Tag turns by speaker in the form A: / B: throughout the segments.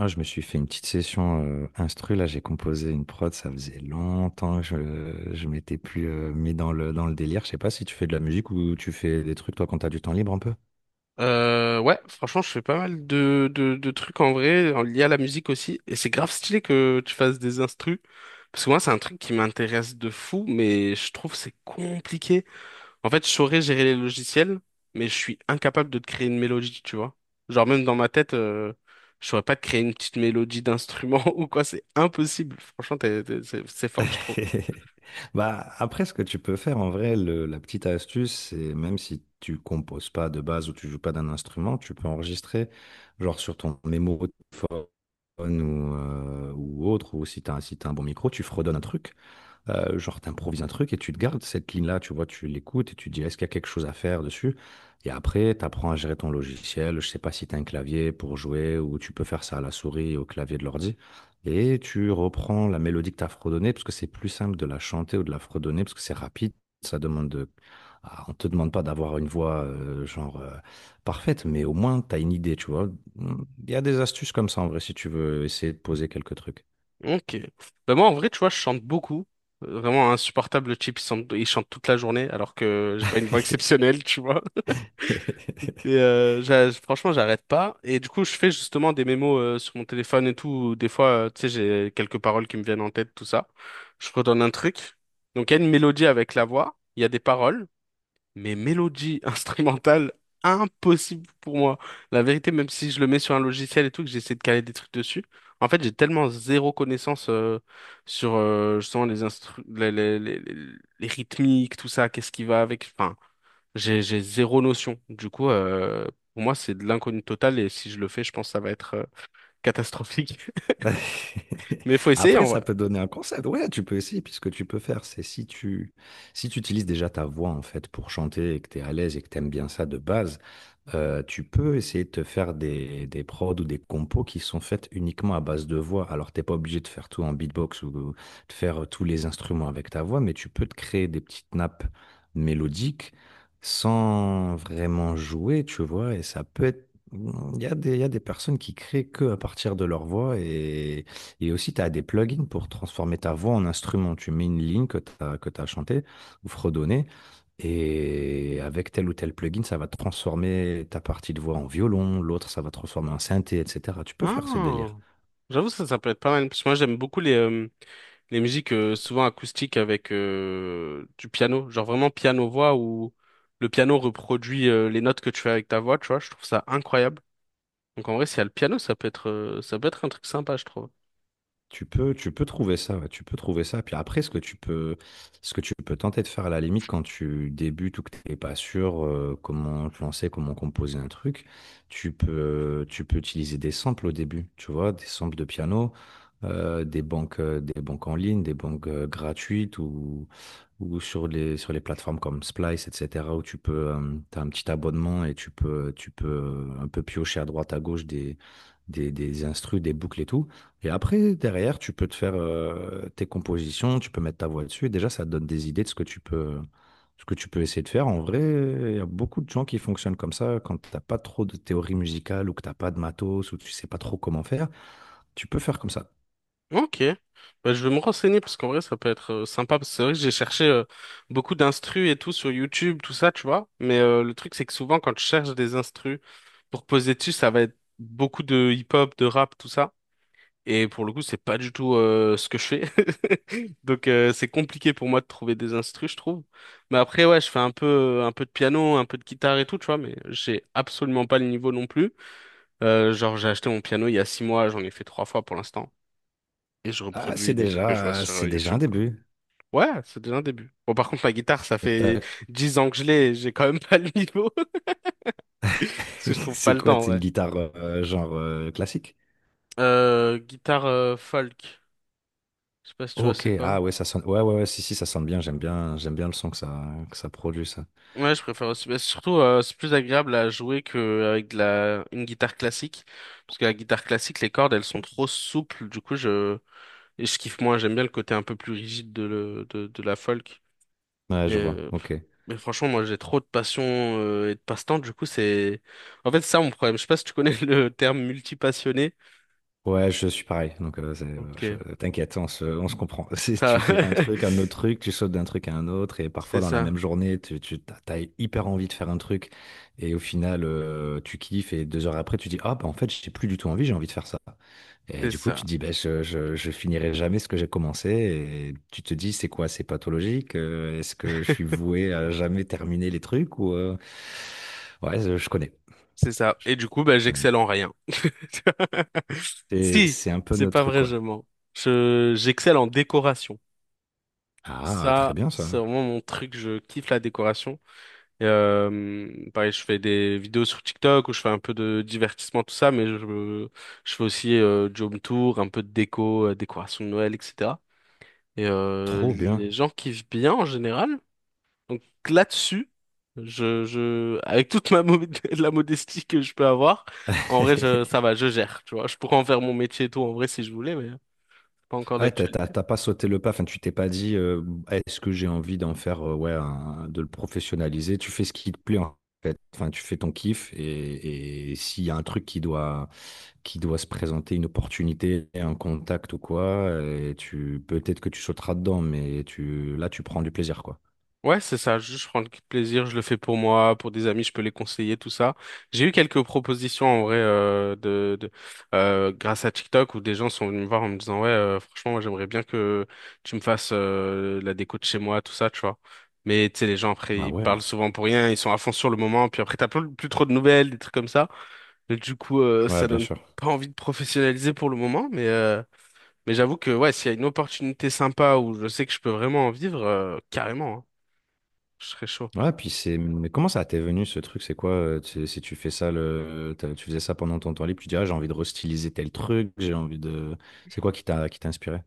A: Ah, je me suis fait une petite session, instru là, j'ai composé une prod, ça faisait longtemps que je m'étais plus, mis dans le délire. Je sais pas si tu fais de la musique ou tu fais des trucs toi quand t'as du temps libre un peu?
B: Ouais, franchement, je fais pas mal de trucs en vrai, en lié à la musique aussi. Et c'est grave stylé que tu fasses des instrus. Parce que moi, c'est un truc qui m'intéresse de fou, mais je trouve que c'est compliqué. En fait, je saurais gérer les logiciels, mais je suis incapable de te créer une mélodie, tu vois. Genre, même dans ma tête, je saurais pas te créer une petite mélodie d'instrument ou quoi, c'est impossible. Franchement, c'est fort, je trouve.
A: Bah, après ce que tu peux faire en vrai, le la petite astuce, c'est même si tu composes pas de base ou tu joues pas d'un instrument, tu peux enregistrer genre sur ton mémo de téléphone ou autre ou si t'as si t'as un bon micro, tu fredonnes un truc genre, tu un truc et tu te gardes cette ligne-là, tu vois? Tu l'écoutes et tu te dis: «Est-ce qu'il y a quelque chose à faire dessus?» Et après, t'apprends à gérer ton logiciel. Je sais pas si t'as un clavier pour jouer ou tu peux faire ça à la souris et au clavier de l'ordi, et tu reprends la mélodie que t'as as fredonnée parce que c'est plus simple de la chanter ou de la fredonner parce que c'est rapide. Ça demande de ah, On te demande pas d'avoir une voix, parfaite, mais au moins t'as une idée, tu vois? Mmh, il y a des astuces comme ça en vrai si tu veux essayer de poser quelques trucs.
B: Ok. Bah moi, en vrai, tu vois, je chante beaucoup. Vraiment insupportable, le type, il chante toute la journée, alors que j'ai pas une voix exceptionnelle, tu vois. Et franchement, j'arrête pas. Et du coup, je fais justement des mémos sur mon téléphone et tout. Où Des fois, tu sais, j'ai quelques paroles qui me viennent en tête, tout ça. Je redonne un truc. Donc, il y a une mélodie avec la voix, il y a des paroles mais mélodie instrumentale, impossible pour moi. La vérité, même si je le mets sur un logiciel et tout, que j'essaie de caler des trucs dessus, en fait, j'ai tellement zéro connaissance sur justement les, instru les rythmiques, tout ça, qu'est-ce qui va avec. Enfin, j'ai zéro notion. Du coup, pour moi, c'est de l'inconnu total et si je le fais, je pense que ça va être catastrophique. Mais il faut essayer
A: Après,
B: en
A: ça
B: vrai.
A: peut donner un concept. Ouais, tu peux essayer, puis ce que tu peux faire, c'est si tu utilises déjà ta voix en fait pour chanter et que tu es à l'aise et que tu aimes bien ça de base, tu peux essayer de te faire des prods ou des compos qui sont faites uniquement à base de voix. Alors, t'es pas obligé de faire tout en beatbox ou de faire tous les instruments avec ta voix, mais tu peux te créer des petites nappes mélodiques sans vraiment jouer, tu vois, et ça peut être Mmh, il y a des personnes qui créent que à partir de leur voix, et aussi tu as des plugins pour transformer ta voix en instrument. Tu mets une ligne que tu chantée ou fredonnée, et avec tel ou tel plugin, ça va transformer ta partie de voix en violon, l'autre ça va transformer en synthé, etc. Tu peux faire ce délire.
B: Ah, j'avoue ça, ça peut être pas mal. Parce que moi j'aime beaucoup les musiques souvent acoustiques avec du piano. Genre vraiment piano-voix où le piano reproduit les notes que tu fais avec ta voix, tu vois. Je trouve ça incroyable. Donc en vrai, s'il y a le piano, ça peut être un truc sympa, je trouve.
A: Tu peux trouver ça, ouais, tu peux trouver ça. Puis après, ce que tu peux tenter de faire à la limite quand tu débutes ou que tu n'es pas sûr comment te lancer, comment composer un truc, tu peux utiliser des samples au début, tu vois, des samples de piano, des banques en ligne, des banques gratuites ou sur les plateformes comme Splice, etc., où tu peux tu as un petit abonnement et tu peux un peu piocher à droite à gauche des instrus, des boucles et tout. Et après, derrière, tu peux te faire tes compositions, tu peux mettre ta voix dessus. Et déjà, ça te donne des idées de ce que tu peux essayer de faire. En vrai, il y a beaucoup de gens qui fonctionnent comme ça. Quand t'as pas trop de théorie musicale ou que t'as pas de matos ou que tu sais pas trop comment faire, tu peux faire comme ça.
B: Ok, bah, je vais me renseigner parce qu'en vrai ça peut être sympa parce que c'est vrai que j'ai cherché beaucoup d'instrus et tout sur YouTube, tout ça, tu vois. Mais le truc c'est que souvent quand je cherche des instrus pour poser dessus, ça va être beaucoup de hip-hop, de rap, tout ça. Et pour le coup, c'est pas du tout ce que je fais. Donc c'est compliqué pour moi de trouver des instrus, je trouve. Mais après, ouais, je fais un peu de piano, un peu de guitare et tout, tu vois, mais j'ai absolument pas le niveau non plus. Genre, j'ai acheté mon piano il y a 6 mois, j'en ai fait 3 fois pour l'instant. Et je
A: Ah,
B: reproduis des trucs que je vois sur
A: c'est déjà
B: YouTube,
A: un
B: quoi.
A: début.
B: Ouais, c'est déjà un début. Bon, par contre, la guitare, ça
A: Et
B: fait 10 ans que je l'ai, et j'ai quand même pas le niveau, parce que je trouve pas
A: C'est
B: le
A: quoi?
B: temps,
A: C'est une
B: ouais.
A: guitare genre classique?
B: Guitare folk, je sais pas si tu vois
A: Ok,
B: c'est quoi.
A: ah ouais, ça sonne. Ouais, ouais, ouais, si, si, ça sonne bien. J'aime bien, j'aime bien le son que ça produit, ça.
B: Ouais, je préfère aussi. Mais surtout, c'est plus agréable à jouer qu'avec de la une guitare classique. Parce que la guitare classique, les cordes, elles sont trop souples. Et je kiffe moins. J'aime bien le côté un peu plus rigide de, le de la folk.
A: Ouais,
B: Mais,
A: je vois.
B: euh,
A: Ok.
B: Mais franchement, moi, j'ai trop de passion et de passe-temps. Du coup, c'est. En fait, c'est ça mon problème. Je sais pas si tu connais le terme multipassionné.
A: Ouais, je suis pareil. Donc,
B: Ok.
A: t'inquiète, on on se comprend. Si
B: Ça
A: tu fais un truc, un autre truc, tu sautes d'un truc à un autre, et parfois
B: C'est
A: dans la
B: ça.
A: même journée, tu t'as hyper envie de faire un truc, et au final, tu kiffes, et deux heures après, tu dis, ah, bah, en fait, j'ai plus du tout envie, j'ai envie de faire ça. Et
B: C'est
A: du coup, tu
B: ça.
A: te dis, bah, je finirai jamais ce que j'ai commencé, et tu te dis, c'est quoi, c'est pathologique? Est-ce que je suis voué à jamais terminer les trucs, ou, ouais, je connais.
B: C'est ça.
A: Je
B: Et du coup, bah,
A: connais.
B: j'excelle en rien.
A: Et
B: Si,
A: c'est un peu
B: c'est pas
A: notre,
B: vrai, je
A: quoi.
B: mens. J'excelle en décoration.
A: Ah, très
B: Ça,
A: bien
B: c'est
A: ça.
B: vraiment mon truc. Je kiffe la décoration. Et, pareil, je fais des vidéos sur TikTok où je fais un peu de divertissement, tout ça, je fais aussi du home tour, un peu de déco, décoration de Noël, etc. Et
A: Trop
B: les
A: bien.
B: gens kiffent bien en général. Donc là-dessus, avec toute la modestie que je peux avoir, en vrai, ça va, je gère. Tu vois, je pourrais en faire mon métier et tout en vrai si je voulais, pas encore
A: Ouais,
B: d'actualité.
A: t'as pas sauté le pas, enfin, tu t'es pas dit est-ce que j'ai envie d'en faire, ouais, de le professionnaliser. Tu fais ce qui te plaît en fait. Enfin, tu fais ton kiff, et s'il y a un truc qui doit se présenter, une opportunité, un contact ou quoi, et tu peut-être que tu sauteras dedans, mais tu là tu prends du plaisir quoi.
B: Ouais, c'est ça, juste je prends le plaisir, je le fais pour moi, pour des amis, je peux les conseiller, tout ça. J'ai eu quelques propositions en vrai de grâce à TikTok où des gens sont venus me voir en me disant ouais, franchement, moi j'aimerais bien que tu me fasses la déco de chez moi, tout ça, tu vois. Mais tu sais, les gens après
A: Ah
B: ils
A: ouais.
B: parlent souvent pour rien, ils sont à fond sur le moment, puis après t'as plus trop de nouvelles, des trucs comme ça. Et du coup,
A: Ouais,
B: ça
A: bien
B: donne
A: sûr.
B: pas envie de professionnaliser pour le moment, mais j'avoue que ouais, s'il y a une opportunité sympa où je sais que je peux vraiment en vivre, carrément, hein, je serais chaud.
A: Ouais, puis c'est. Mais comment ça t'est venu ce truc? C'est quoi? Si tu fais ça, tu faisais ça pendant ton temps libre, tu dis, ah, j'ai envie de restyliser tel truc, j'ai envie de. C'est quoi qui t'a inspiré?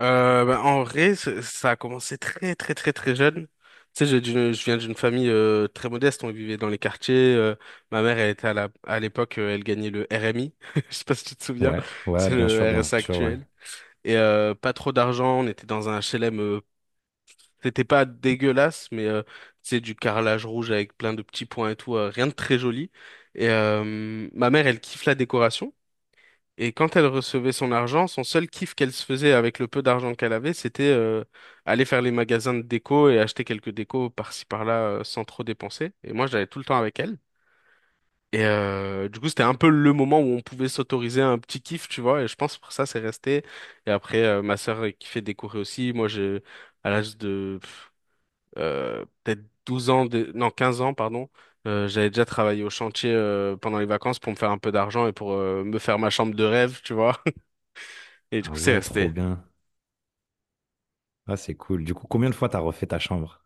B: Bah, en vrai, ça a commencé très très très très jeune. Tu sais, je viens d'une famille très modeste, on vivait dans les quartiers. Ma mère, elle était à l'époque, elle gagnait le RMI. Je sais pas si tu te souviens,
A: Ouais, ouais,
B: c'est le
A: bien
B: RSA
A: sûr, ouais.
B: actuel. Et pas trop d'argent, on était dans un HLM. C'était pas dégueulasse, c'est du carrelage rouge avec plein de petits points et tout, rien de très joli. Et ma mère, elle kiffe la décoration. Et quand elle recevait son argent, son seul kiff qu'elle se faisait avec le peu d'argent qu'elle avait, c'était aller faire les magasins de déco et acheter quelques décos par-ci par-là sans trop dépenser. Et moi, j'allais tout le temps avec elle. Et du coup, c'était un peu le moment où on pouvait s'autoriser un petit kiff, tu vois. Et je pense pour ça, c'est resté. Et après, ma sœur kiffait décorer aussi. Moi, j'ai à l'âge de peut-être 12 ans, non 15 ans, pardon. J'avais déjà travaillé au chantier pendant les vacances pour me faire un peu d'argent et pour me faire ma chambre de rêve, tu vois. Et du coup,
A: Ah
B: c'est
A: ouais, trop
B: resté.
A: bien. Ah, c'est cool. Du coup, combien de fois t'as refait ta chambre?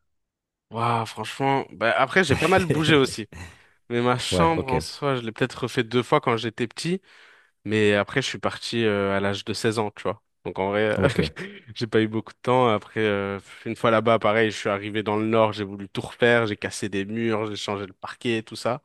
B: Waouh, franchement. Bah, après, j'ai pas mal bougé aussi. Mais ma
A: Ouais,
B: chambre,
A: ok,
B: en soi, je l'ai peut-être refait deux fois quand j'étais petit. Mais après, je suis parti à l'âge de 16 ans, tu vois. Donc, en vrai,
A: ok.
B: j'ai pas eu beaucoup de temps. Après, une fois là-bas, pareil, je suis arrivé dans le nord, j'ai voulu tout refaire. J'ai cassé des murs, j'ai changé le parquet, tout ça.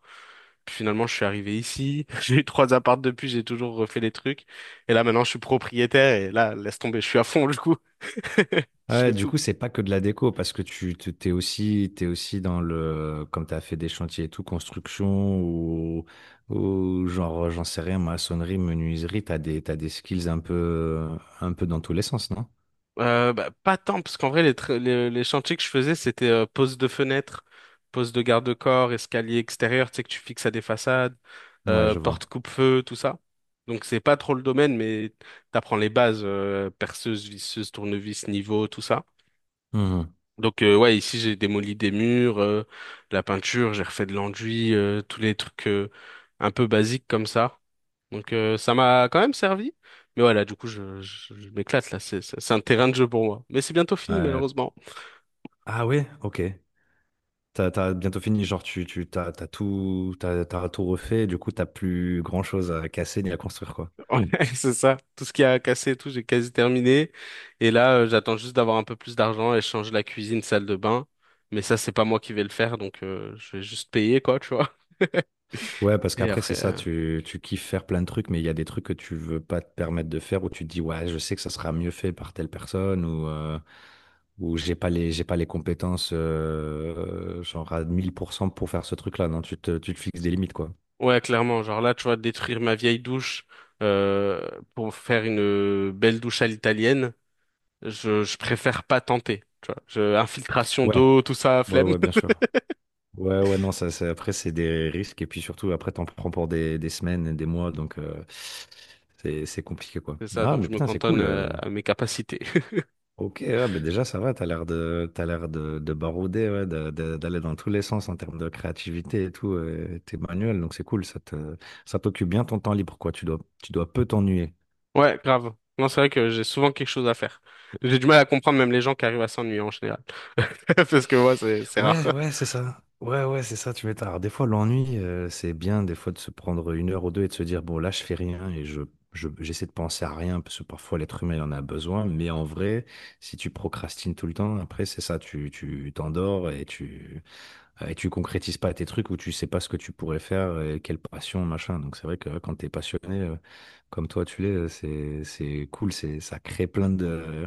B: Puis finalement, je suis arrivé ici. J'ai eu trois apparts depuis, j'ai toujours refait les trucs. Et là, maintenant, je suis propriétaire. Et là, laisse tomber, je suis à fond, du coup. Je
A: Ouais,
B: fais
A: du
B: tout.
A: coup, c'est pas que de la déco, parce que t'es aussi dans le, comme tu as fait des chantiers et tout, construction ou genre, j'en sais rien, maçonnerie, menuiserie, t'as des skills un peu dans tous les sens, non?
B: Bah, pas tant, parce qu'en vrai, les chantiers que je faisais, c'était pose de fenêtre, pose de garde-corps, escalier extérieur, tu sais, que tu fixes à des façades,
A: Ouais, je vois.
B: porte coupe-feu, tout ça. Donc, c'est pas trop le domaine, mais t'apprends les bases, perceuse, visseuse, tournevis, niveau, tout ça.
A: Mhm.
B: Donc, ouais, ici, j'ai démoli des murs, la peinture, j'ai refait de l'enduit, tous les trucs un peu basiques comme ça. Donc ça m'a quand même servi. Mais voilà, du coup, je m'éclate là. C'est un terrain de jeu pour moi. Mais c'est bientôt fini,
A: Euh,
B: malheureusement.
A: ah ouais, ok. T'as bientôt fini, genre, tu, t'as, t'as tout refait, du coup, t'as plus grand chose à casser ni à construire, quoi.
B: Ouais, c'est ça. Tout ce qui a cassé, et tout, j'ai quasi terminé. Et là, j'attends juste d'avoir un peu plus d'argent et changer la cuisine, salle de bain. Mais ça, c'est pas moi qui vais le faire. Donc je vais juste payer, quoi, tu vois.
A: Ouais, parce
B: Et
A: qu'après, c'est
B: après...
A: ça,
B: euh,
A: tu kiffes faire plein de trucs, mais il y a des trucs que tu veux pas te permettre de faire où tu te dis, ouais, je sais que ça sera mieux fait par telle personne ou j'ai pas les compétences, genre à 1000% pour faire ce truc-là. Non, tu te fixes des limites, quoi.
B: Ouais, clairement. Genre là, tu vois, détruire ma vieille douche euh, pour faire une belle douche à l'italienne, je préfère pas tenter. Infiltration
A: Ouais,
B: d'eau, tout ça,
A: ouais,
B: flemme.
A: ouais, bien sûr. Ouais, ouais, non, après, c'est des risques et puis surtout, après, t'en prends pour des semaines et des mois, donc c'est compliqué, quoi.
B: C'est ça,
A: Ah,
B: donc
A: mais
B: je me
A: putain, c'est
B: cantonne
A: cool.
B: à mes capacités.
A: Ok, ouais, bah déjà ça va, t'as l'air de barouder, ouais, d'aller dans tous les sens en termes de créativité et tout, t'es manuel, donc c'est cool, ça t'occupe bien ton temps libre, quoi, tu dois peu t'ennuyer.
B: Ouais, grave. Non, c'est vrai que j'ai souvent quelque chose à faire. J'ai du mal à comprendre même les gens qui arrivent à s'ennuyer en général. Parce que moi, c'est rare.
A: Ouais, ouais, c'est ça. Ouais, ouais, c'est ça, tu m'étonnes. Alors, des fois, l'ennui, c'est bien, des fois, de se prendre une heure ou deux et de se dire, bon, là, je fais rien et j'essaie de penser à rien, parce que parfois, l'être humain, il en a besoin, mais en vrai, si tu procrastines tout le temps, après, c'est ça, tu t'endors et tu concrétises pas tes trucs ou tu sais pas ce que tu pourrais faire, et quelle passion, machin. Donc c'est vrai que ouais, quand t'es passionné, comme toi tu l'es, c'est cool, c'est ça crée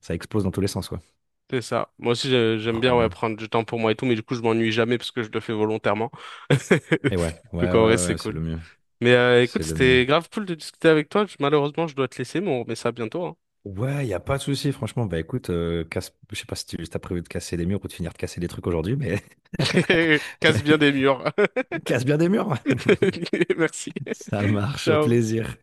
A: ça explose dans tous les sens quoi.
B: C'est ça. Moi aussi, j'aime
A: Trop
B: bien ouais,
A: bien.
B: prendre du temps pour moi et tout, mais du coup, je m'ennuie jamais parce que je le fais volontairement.
A: Et ouais,
B: Donc
A: ouais, ouais,
B: en vrai,
A: ouais,
B: c'est
A: ouais,
B: cool. Mais
A: c'est
B: écoute,
A: le mieux.
B: c'était grave cool de discuter avec toi. Malheureusement, je dois te laisser, mais on remet ça bientôt, hein.
A: Ouais, y a pas de souci, franchement. Bah écoute, je sais pas si tu as prévu de casser des murs ou de finir de casser des trucs aujourd'hui, mais
B: Casse bien des murs.
A: casse bien des murs.
B: Merci.
A: Ça marche, au
B: Ciao.
A: plaisir.